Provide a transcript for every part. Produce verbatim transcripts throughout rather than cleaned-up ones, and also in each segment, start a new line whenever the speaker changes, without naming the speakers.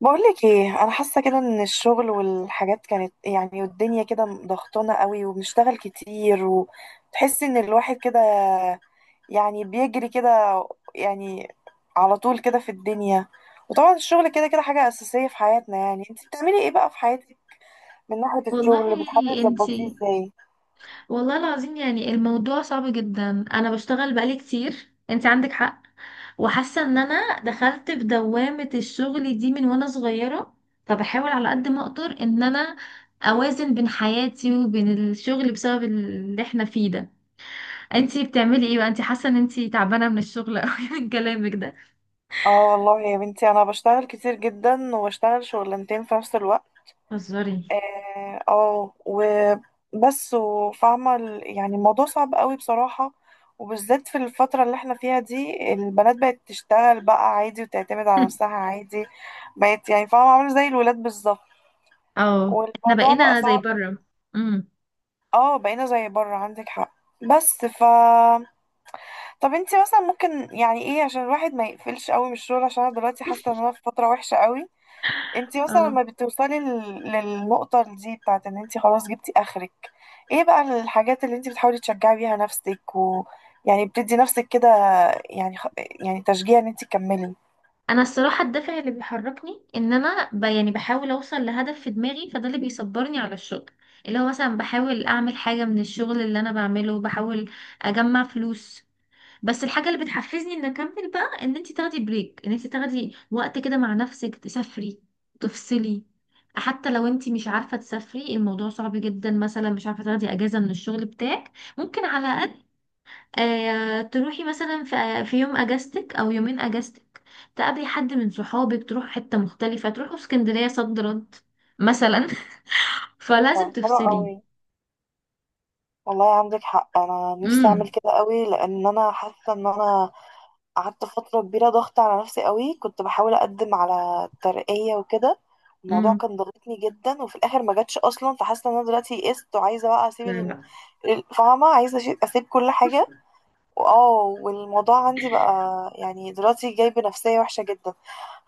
بقولك ايه، انا حاسه كده ان الشغل والحاجات كانت، يعني، والدنيا كده ضغطانه قوي وبنشتغل كتير، وتحس ان الواحد كده يعني بيجري كده، يعني، على طول كده في الدنيا. وطبعا الشغل كده كده حاجه اساسيه في حياتنا. يعني انت بتعملي ايه بقى في حياتك من ناحيه
والله،
الشغل؟ بتحاولي تظبطيه
انتي
ازاي؟
والله العظيم، يعني الموضوع صعب جدا. انا بشتغل بقالي كتير، انتي عندك حق. وحاسه ان انا دخلت في دوامه الشغل دي من وانا صغيره، فبحاول على قد ما اقدر ان انا اوازن بين حياتي وبين الشغل بسبب اللي احنا فيه ده. انتي بتعملي ايه بقى؟ انتي حاسه ان انتي تعبانه من الشغل قوي من كلامك ده؟
اه والله يا بنتي، انا بشتغل كتير جدا وبشتغل شغلانتين في نفس الوقت.
هزاري.
اه آه، وبس، وفاهمة ال- يعني الموضوع صعب قوي بصراحة. وبالذات في الفترة اللي احنا فيها دي، البنات بقت تشتغل بقى عادي وتعتمد على نفسها عادي، بقت يعني فاهمة، عاملة زي الولاد بالظبط.
اه، احنا
والموضوع بقى
بقينا زي
صعب.
بره. امم،
اه، بقينا زي بره، عندك حق. بس ف طب انتي مثلا ممكن يعني ايه عشان الواحد ما يقفلش قوي من الشغل، عشان انا دلوقتي حاسة ان انا في فترة وحشة قوي. انتي مثلا
اه،
لما بتوصلي لل- للنقطة دي بتاعت ان انتي خلاص جبتي اخرك، ايه بقى الحاجات اللي انتي بتحاولي تشجعي بيها نفسك و يعني بتدي نفسك كده، يعني خ... يعني تشجيع ان انتي تكملي؟
انا الصراحه الدافع اللي بيحركني ان انا ب... يعني بحاول اوصل لهدف في دماغي، فده اللي بيصبرني على الشغل. اللي هو مثلا بحاول اعمل حاجه من الشغل اللي انا بعمله، بحاول اجمع فلوس. بس الحاجه اللي بتحفزني ان اكمل بقى ان انت تاخدي بريك، ان انت تاخدي وقت كده مع نفسك، تسافري، تفصلي. حتى لو انت مش عارفه تسافري الموضوع صعب جدا، مثلا مش عارفه تاخدي اجازه من الشغل بتاعك، ممكن على الاقل آه، تروحي مثلا في في يوم اجازتك او يومين اجازتك، تقابلي حد من صحابك، تروح حتة مختلفة، تروحوا اسكندرية صد رد مثلا.
ايوه،
فلازم
حلو
تفصلي.
قوي، والله عندك حق. انا نفسي اعمل
امم،
كده قوي، لان انا حاسه ان انا قعدت فترة كبيرة ضغط على نفسي قوي. كنت بحاول أقدم على ترقية وكده، الموضوع
امم،
كان ضاغطني جدا وفي الآخر ما جاتش أصلا. فحاسة إن أنا دلوقتي يئست وعايزة بقى أسيب
لا
ال-
لا
ال- فاهمة، عايزة أشي- أسيب كل حاجة. وآه والموضوع عندي بقى يعني دلوقتي جايب نفسية وحشة جدا.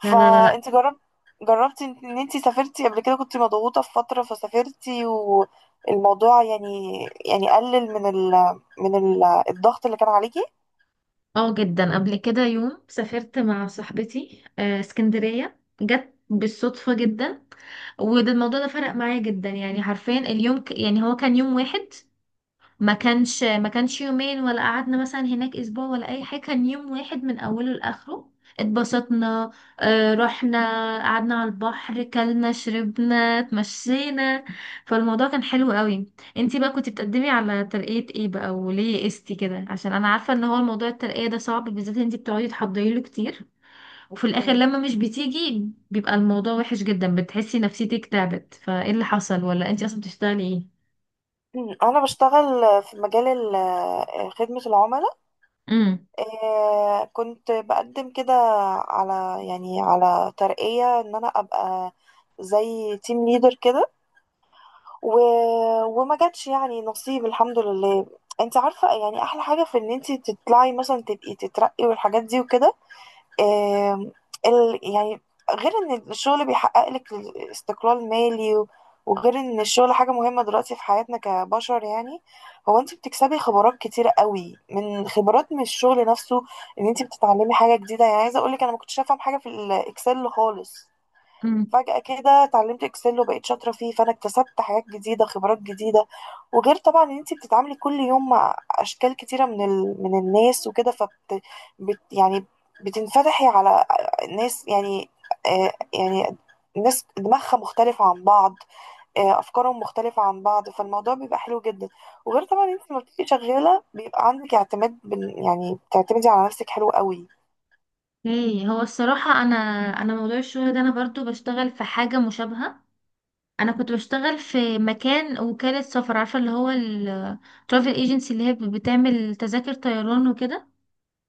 لا لا لا لا.
فأنت جربت جربتي إن إن أنتي سافرتي قبل كده، كنت مضغوطة في فترة فسافرتي، والموضوع، يعني، يعني قلل من ال من ال الضغط اللي كان عليكي؟
اه جدا. قبل كده يوم سافرت مع صاحبتي آه، اسكندرية، جت بالصدفة جدا. وده الموضوع ده فرق معايا جدا. يعني حرفيا اليوم ك... يعني هو كان يوم واحد، ما كانش ما كانش يومين ولا قعدنا مثلا هناك اسبوع ولا اي حاجه، كان يوم واحد من اوله لاخره. اتبسطنا، آه، رحنا قعدنا على البحر، كلنا شربنا، اتمشينا، فالموضوع كان حلو قوي. انتي بقى كنتي بتقدمي على ترقية ايه بقى وليه قستي كده؟ عشان انا عارفه ان هو موضوع الترقية ده صعب، بالذات انتي بتقعدي تحضري له كتير، وفي الاخر لما مش بتيجي بيبقى الموضوع وحش جدا، بتحسي نفسيتك تعبت. فايه اللي حصل ولا انتي اصلا بتشتغلي ايه؟
مم. أنا بشتغل في مجال ال- آه، خدمة العملاء. آه، كنت بقدم كده على، يعني على، ترقية إن أنا أبقى زي تيم ليدر كده، و... وما جاتش يعني نصيب الحمد لله. انت عارفة، يعني أحلى حاجة في إن انت تطلعي مثلا تبقي تترقي والحاجات دي وكده. آم، ال يعني غير ان الشغل بيحقق لك استقلال مالي و- وغير ان الشغل حاجة مهمة دلوقتي في حياتنا كبشر، يعني هو انت بتكسبي خبرات كتيرة قوي، من خبرات من الشغل نفسه. ان انت بتتعلمي حاجة جديدة، يعني عايزة اقولك انا ما كنتش افهم حاجة في الاكسل خالص،
امم،
فجأة كده اتعلمت اكسل وبقيت شاطرة فيه، فانا اكتسبت حاجات جديدة، خبرات جديدة. وغير طبعا ان انتي بتتعاملي كل يوم مع اشكال كتيرة من ال... من الناس وكده. فبت بت... يعني بتنفتحي على ناس، يعني، آه يعني ناس دماغها مختلفة عن بعض، آه أفكارهم مختلفة عن بعض، فالموضوع بيبقى حلو جدا. وغير طبعا انت لما بتبقي شغالة بيبقى عندك اعتماد بال- يعني بتعتمدي على نفسك، حلو قوي.
ايه هو الصراحة انا انا موضوع الشغل ده انا برضو بشتغل في حاجة مشابهة. انا كنت بشتغل في مكان وكالة سفر، عارفة، اللي هو الترافل ايجنسي، اللي هي بتعمل تذاكر طيران وكده.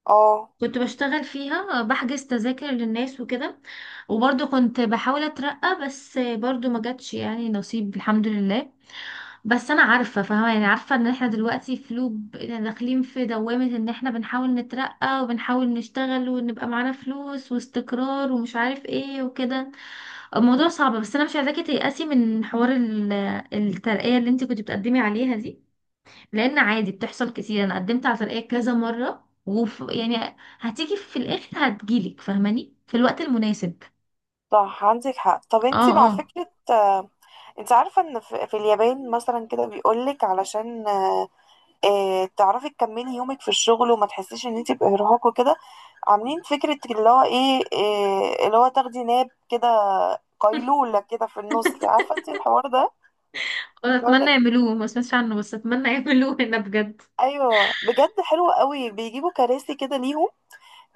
اه،
كنت بشتغل فيها بحجز تذاكر للناس وكده. وبرضو كنت بحاول اترقى بس برضو ما جاتش، يعني نصيب الحمد لله. بس انا عارفه فاهمه، يعني عارفه ان احنا دلوقتي في لوب، يعني داخلين في دوامه ان احنا بنحاول نترقى وبنحاول نشتغل ونبقى معانا فلوس واستقرار ومش عارف ايه وكده. الموضوع صعب. بس انا مش عايزاكي تيأسي من حوار ال- الترقيه اللي انت كنت بتقدمي عليها دي، لان عادي بتحصل كتير. انا قدمت على ترقيه كذا مره وف، يعني هتيجي في الاخر، هتجيلك، فاهماني، في الوقت المناسب.
صح عندك حق. طب
اه،
انت مع
اه،
فكرة، آه، انت عارفة ان في في اليابان مثلا كده، بيقولك علشان آه، تعرفي تكملي يومك في الشغل وما تحسيش ان انت بإرهاق وكده، عاملين فكرة اللي هو ايه، آه، اللي هو تاخدي ناب كده، قيلولة كده في النص، عارفة انت الحوار ده؟
أنا اتمنى
بيقولك،
يعملوه، ما سمعتش عنه بس اتمنى يعملوه هنا بجد.
ايوه بجد حلو قوي، بيجيبوا كراسي كده ليهم،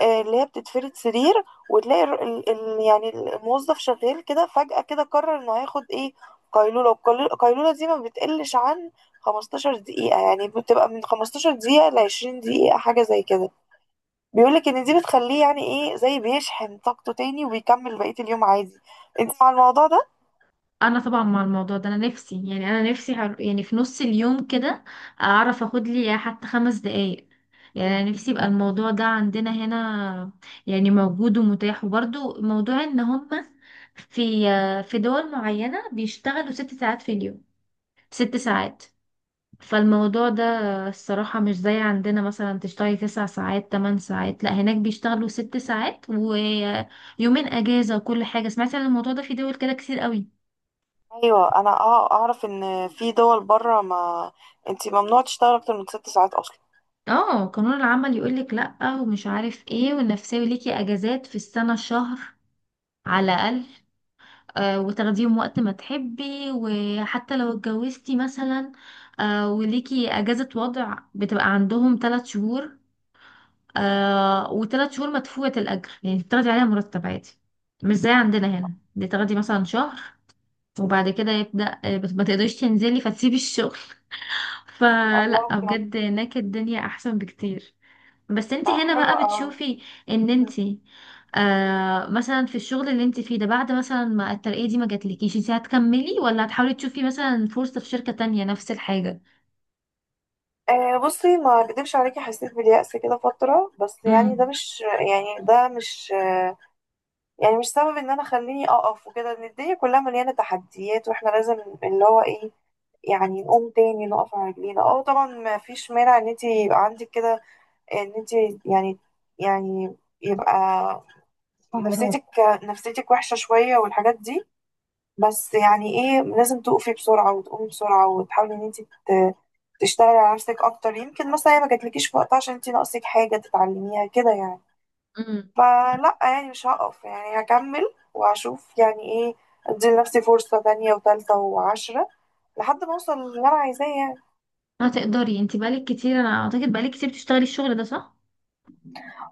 آه، اللي هي بتتفرد سرير، وتلاقي ال ال ال- يعني الموظف شغال كده، فجأة كده قرر انه هياخد ايه، قيلولة. والقيلولة دي ما بتقلش عن خمستاشر دقيقة، يعني بتبقى من خمستاشر دقيقة ل عشرين دقيقة، حاجة زي كده. بيقولك ان دي بتخليه يعني ايه، زي بيشحن طاقته تاني وبيكمل بقية اليوم عادي. انت مع الموضوع ده؟
انا طبعا مع الموضوع ده، انا نفسي يعني، انا نفسي هر- يعني في نص اليوم كده اعرف اخد لي حتى خمس دقايق. يعني انا نفسي يبقى الموضوع ده عندنا هنا، يعني موجود ومتاح. وبرضو موضوع ان هم في في دول معينة بيشتغلوا ست ساعات في اليوم، ست ساعات. فالموضوع ده الصراحة مش زي عندنا مثلا تشتغلي تسع ساعات تمن ساعات، لا هناك بيشتغلوا ست ساعات ويومين اجازة وكل حاجة. سمعت عن الموضوع ده في دول كده كتير قوي.
ايوه، انا أع- اعرف ان في دول بره، ما انت ممنوع تشتغل اكتر من ست ساعات اصلا.
اه قانون العمل يقولك لأ ومش عارف ايه، والنفسية ليكي اجازات في السنة شهر على الأقل، آه وتاخديهم وقت ما تحبي، وحتى لو اتجوزتي مثلا آه وليكي اجازة وضع بتبقى عندهم ثلاث شهور، آه وثلاث شهور مدفوعة الأجر، يعني بتاخدي عليها مرتب عادي. مش زي عندنا هنا دي تاخدي مثلا شهر وبعد كده يبدأ آه، بت- ما تقدريش تنزلي، فتسيبي الشغل.
الله،
فلا
بجد.
بجد هناك الدنيا احسن بكتير. بس انت
لا،
هنا
حلو
بقى
قوي.
بتشوفي ان انت آه، مثلا في الشغل اللي انت فيه ده بعد مثلا ما الترقية دي ما جاتلكيش، انت هتكملي ولا هتحاولي تشوفي مثلا فرصة في شركة تانية نفس الحاجة؟
آه بصي، ما اكدبش عليكي، حسيت باليأس كده فترة، بس يعني ده
امم،
مش، يعني ده مش آه يعني مش سبب ان انا خليني اقف وكده. ان الدنيا كلها مليانة تحديات واحنا لازم اللي هو ايه، يعني نقوم تاني نقف على رجلينا. اه طبعا ما فيش مانع ان انت يبقى عندك كده، ان انت، يعني، يعني يبقى نفسيتك نفسيتك وحشة شوية والحاجات دي، بس يعني ايه لازم تقفي بسرعة وتقومي بسرعة، وتحاولي ان انت ت- تشتغلي على نفسك اكتر. يمكن مثلا هي ما جاتلكيش في وقتها عشان انت ناقصك حاجة تتعلميها كده، يعني.
امم،
فلا، يعني مش هقف، يعني هكمل وهشوف يعني ايه، ادي لنفسي فرصة تانية وتالتة وعشرة لحد ما اوصل للي انا عايزاه يعني.
هتقدري. انت بقالك كتير، انا اعتقد بقالك كتير بتشتغلي الشغل ده صح؟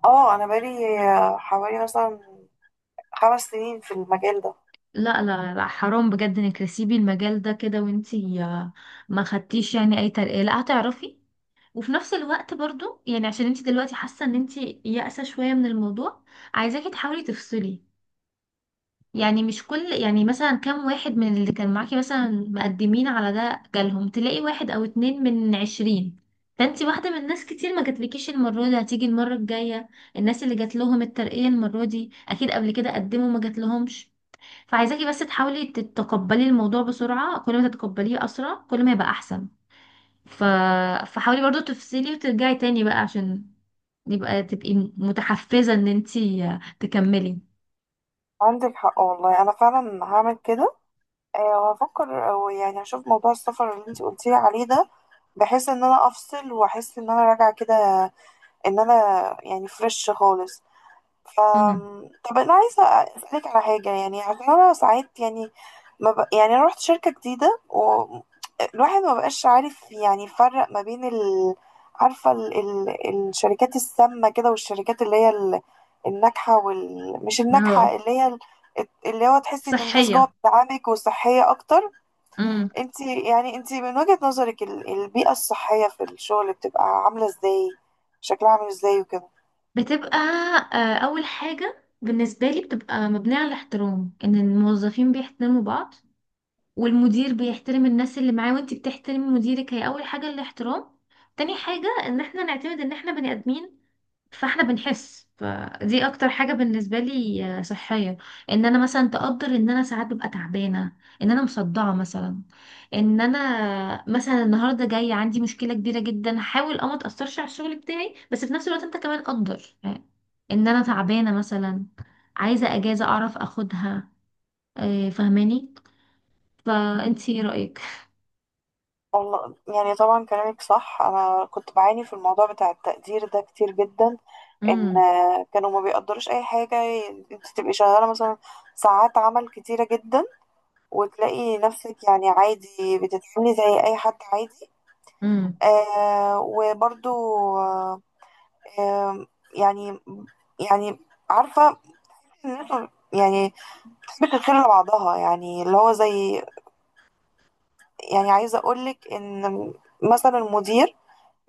اه، انا بقالي آه، حوالي مثلا خمس سنين في المجال ده.
لا لا لا، حرام بجد انك تسيبي المجال ده كده وانت ما خدتيش يعني اي ترقية، لا هتعرفي. وفي نفس الوقت برضو يعني عشان انت دلوقتي حاسة ان انت يائسة شوية من الموضوع، عايزاكي تحاولي تفصلي. يعني مش كل يعني مثلا كام واحد من اللي كان معاكي مثلا مقدمين على ده جالهم؟ تلاقي واحد او اتنين من عشرين. فانتي واحدة من ناس كتير ما جاتلكيش المرة دي، هتيجي المرة الجاية. الناس اللي جات لهم الترقية المرة دي اكيد قبل كده قدموا ما جاتلهمش. فعايزاكي بس تحاولي تتقبلي الموضوع بسرعة، كل ما تتقبليه اسرع كل ما يبقى احسن. ف... فحاولي برضو تفصلي وترجعي تاني بقى عشان يبقى تبقي متحفزة ان انتي تكملي.
عندك حق والله، انا فعلا هعمل كده. آه، هفكر، او يعني هشوف موضوع السفر اللي انت قلتيلي عليه ده، بحيث ان انا افصل، واحس ان انا راجعه كده، ان انا يعني فريش خالص. ف
امم،
طب انا عايزه اسالك على حاجه، يعني عشان انا ساعات يعني ما ب... يعني انا رحت شركه جديده والواحد ما بقاش عارف يعني يفرق ما بين ال... عارفه ال... ال... الشركات السامه كده، والشركات اللي هي ال... الناجحه وال... مش
اهو،
الناجحه، اللي هي ال... اللي هو تحسي ان الناس جوه
صحية،
بتدعمك وصحيه اكتر.
امم،
انت يعني انت من وجهة نظرك، ال- البيئة الصحية في الشغل بتبقى عاملة ازاي، شكلها عامل ازاي وكده؟
بتبقى آه، اول حاجه بالنسبه لي بتبقى مبنيه على الاحترام، ان الموظفين بيحترموا بعض، والمدير بيحترم الناس اللي معاه، وانت بتحترمي مديرك. هي اول حاجه الاحترام. تاني حاجه ان احنا نعتمد ان احنا بني ادمين، فاحنا بنحس. فدي اكتر حاجة بالنسبة لي آه، صحية، ان انا مثلا تقدر ان انا ساعات ببقى تعبانة، ان انا مصدعة مثلا، ان انا مثلا النهاردة جاي عندي مشكلة كبيرة جدا، حاول اه ما تأثرش على الشغل بتاعي بس في نفس الوقت انت كمان قدر آه، ان انا تعبانة مثلا، عايزة اجازة اعرف اخدها، آه، فاهماني؟ فانتي ايه رأيك؟
والله، يعني طبعا كلامك صح. انا كنت بعاني في الموضوع بتاع التقدير ده كتير جدا، ان آه، كانوا ما بيقدروش اي حاجة. انت تبقي شغالة مثلا ساعات عمل كتيرة جدا، وتلاقي نفسك يعني عادي بتتعاملي زي اي حد عادي.
امم،
آه وبرضو آه آه يعني، يعني عارفة إن انتوا، يعني، بتحبش الخير لبعضها، يعني اللي هو زي، يعني عايزة أقولك إن مثلا المدير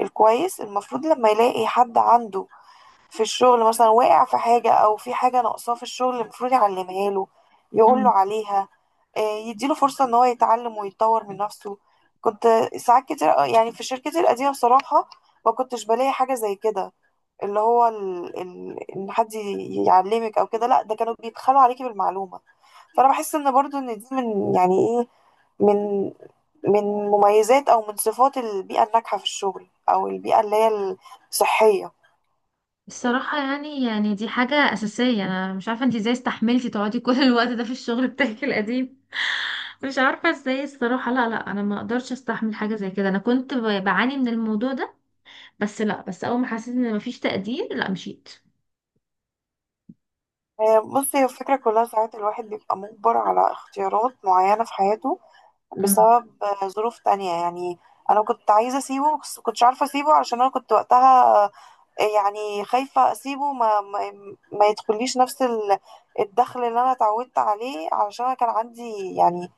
الكويس، المفروض لما يلاقي حد عنده في الشغل مثلا واقع في حاجة، أو في حاجة ناقصاه في الشغل، المفروض يعلمها له، يقوله عليها، آه، يديله فرصة إن هو يتعلم ويتطور من نفسه. كنت ساعات كتير أوي- يعني في شركتي القديمة، بصراحة ما كنتش بلاقي حاجة زي كده، اللي هو ال... ال... إن حد يعلمك أو كده، لأ، ده كانوا بيبخلوا عليكي بالمعلومة. فانا بحس ان برضو ان دي من، يعني ايه، من من مميزات او من صفات البيئه الناجحه في الشغل، او البيئه اللي هي الصحيه.
الصراحة يعني يعني دي حاجة أساسية. أنا مش عارفة انتي ازاي استحملتي تقعدي كل الوقت ده في الشغل بتاعك القديم. مش عارفة ازاي الصراحة. لا لا، أنا ما أقدرش استحمل حاجة زي كده. أنا كنت ب- بعاني من الموضوع ده. بس لا، بس أول ما حسيت إن مفيش تقدير لا مشيت.
آه، بصي، هي الفكره كلها ساعات الواحد بيبقى مجبر على اختيارات معينه في حياته،
مم.
بسبب آه، ظروف تانية يعني. انا كنت عايزه اسيبه، بس كنتش عارفه اسيبه، علشان انا كنت وقتها آه، يعني خايفه اسيبه ما ما, ما يدخليش نفس ال- الدخل اللي انا اتعودت عليه، علشان انا كان عندي يعني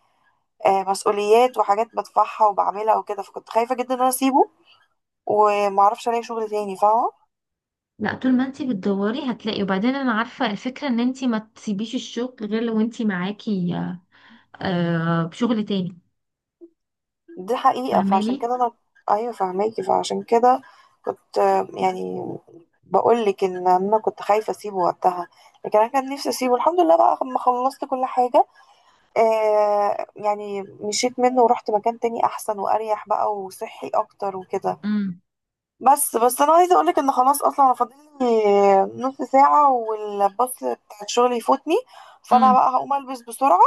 آه، مسؤوليات وحاجات بدفعها وبعملها وكده، فكنت خايفة جدا ان انا اسيبه ومعرفش الاقي شغل تاني، فاهمة؟
لا، طول ما انتي بتدوري هتلاقي. وبعدين أنا عارفة الفكرة إن انتي ما تسيبيش الشغل غير لو انتي معاكي آه بشغل تاني،
دي حقيقة، فعشان
فاهماني؟
كده انا، ايوه فاهماكي. فعشان كده كنت، آه، يعني، بقولك ان انا كنت خايفة اسيبه وقتها. لكن انا كان نفسي اسيبه، الحمد لله بقى لما خلصت كل حاجة، آه يعني مشيت منه ورحت مكان تاني احسن واريح بقى وصحي اكتر وكده.
مم.
بس بس انا عايزه اقولك ان خلاص، اصلا انا فاضل لي نص ساعه والباص بتاع الشغل يفوتني، فانا
مم.
بقى هقوم البس بسرعه.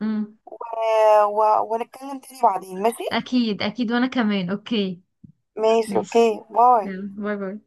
مم.
آه، و- ونتكلم تاني بعدين، ماشي؟
أكيد أكيد وأنا كمان أوكي.
ماشي، اوكي،
ماشي،
باي.
يلا باي باي.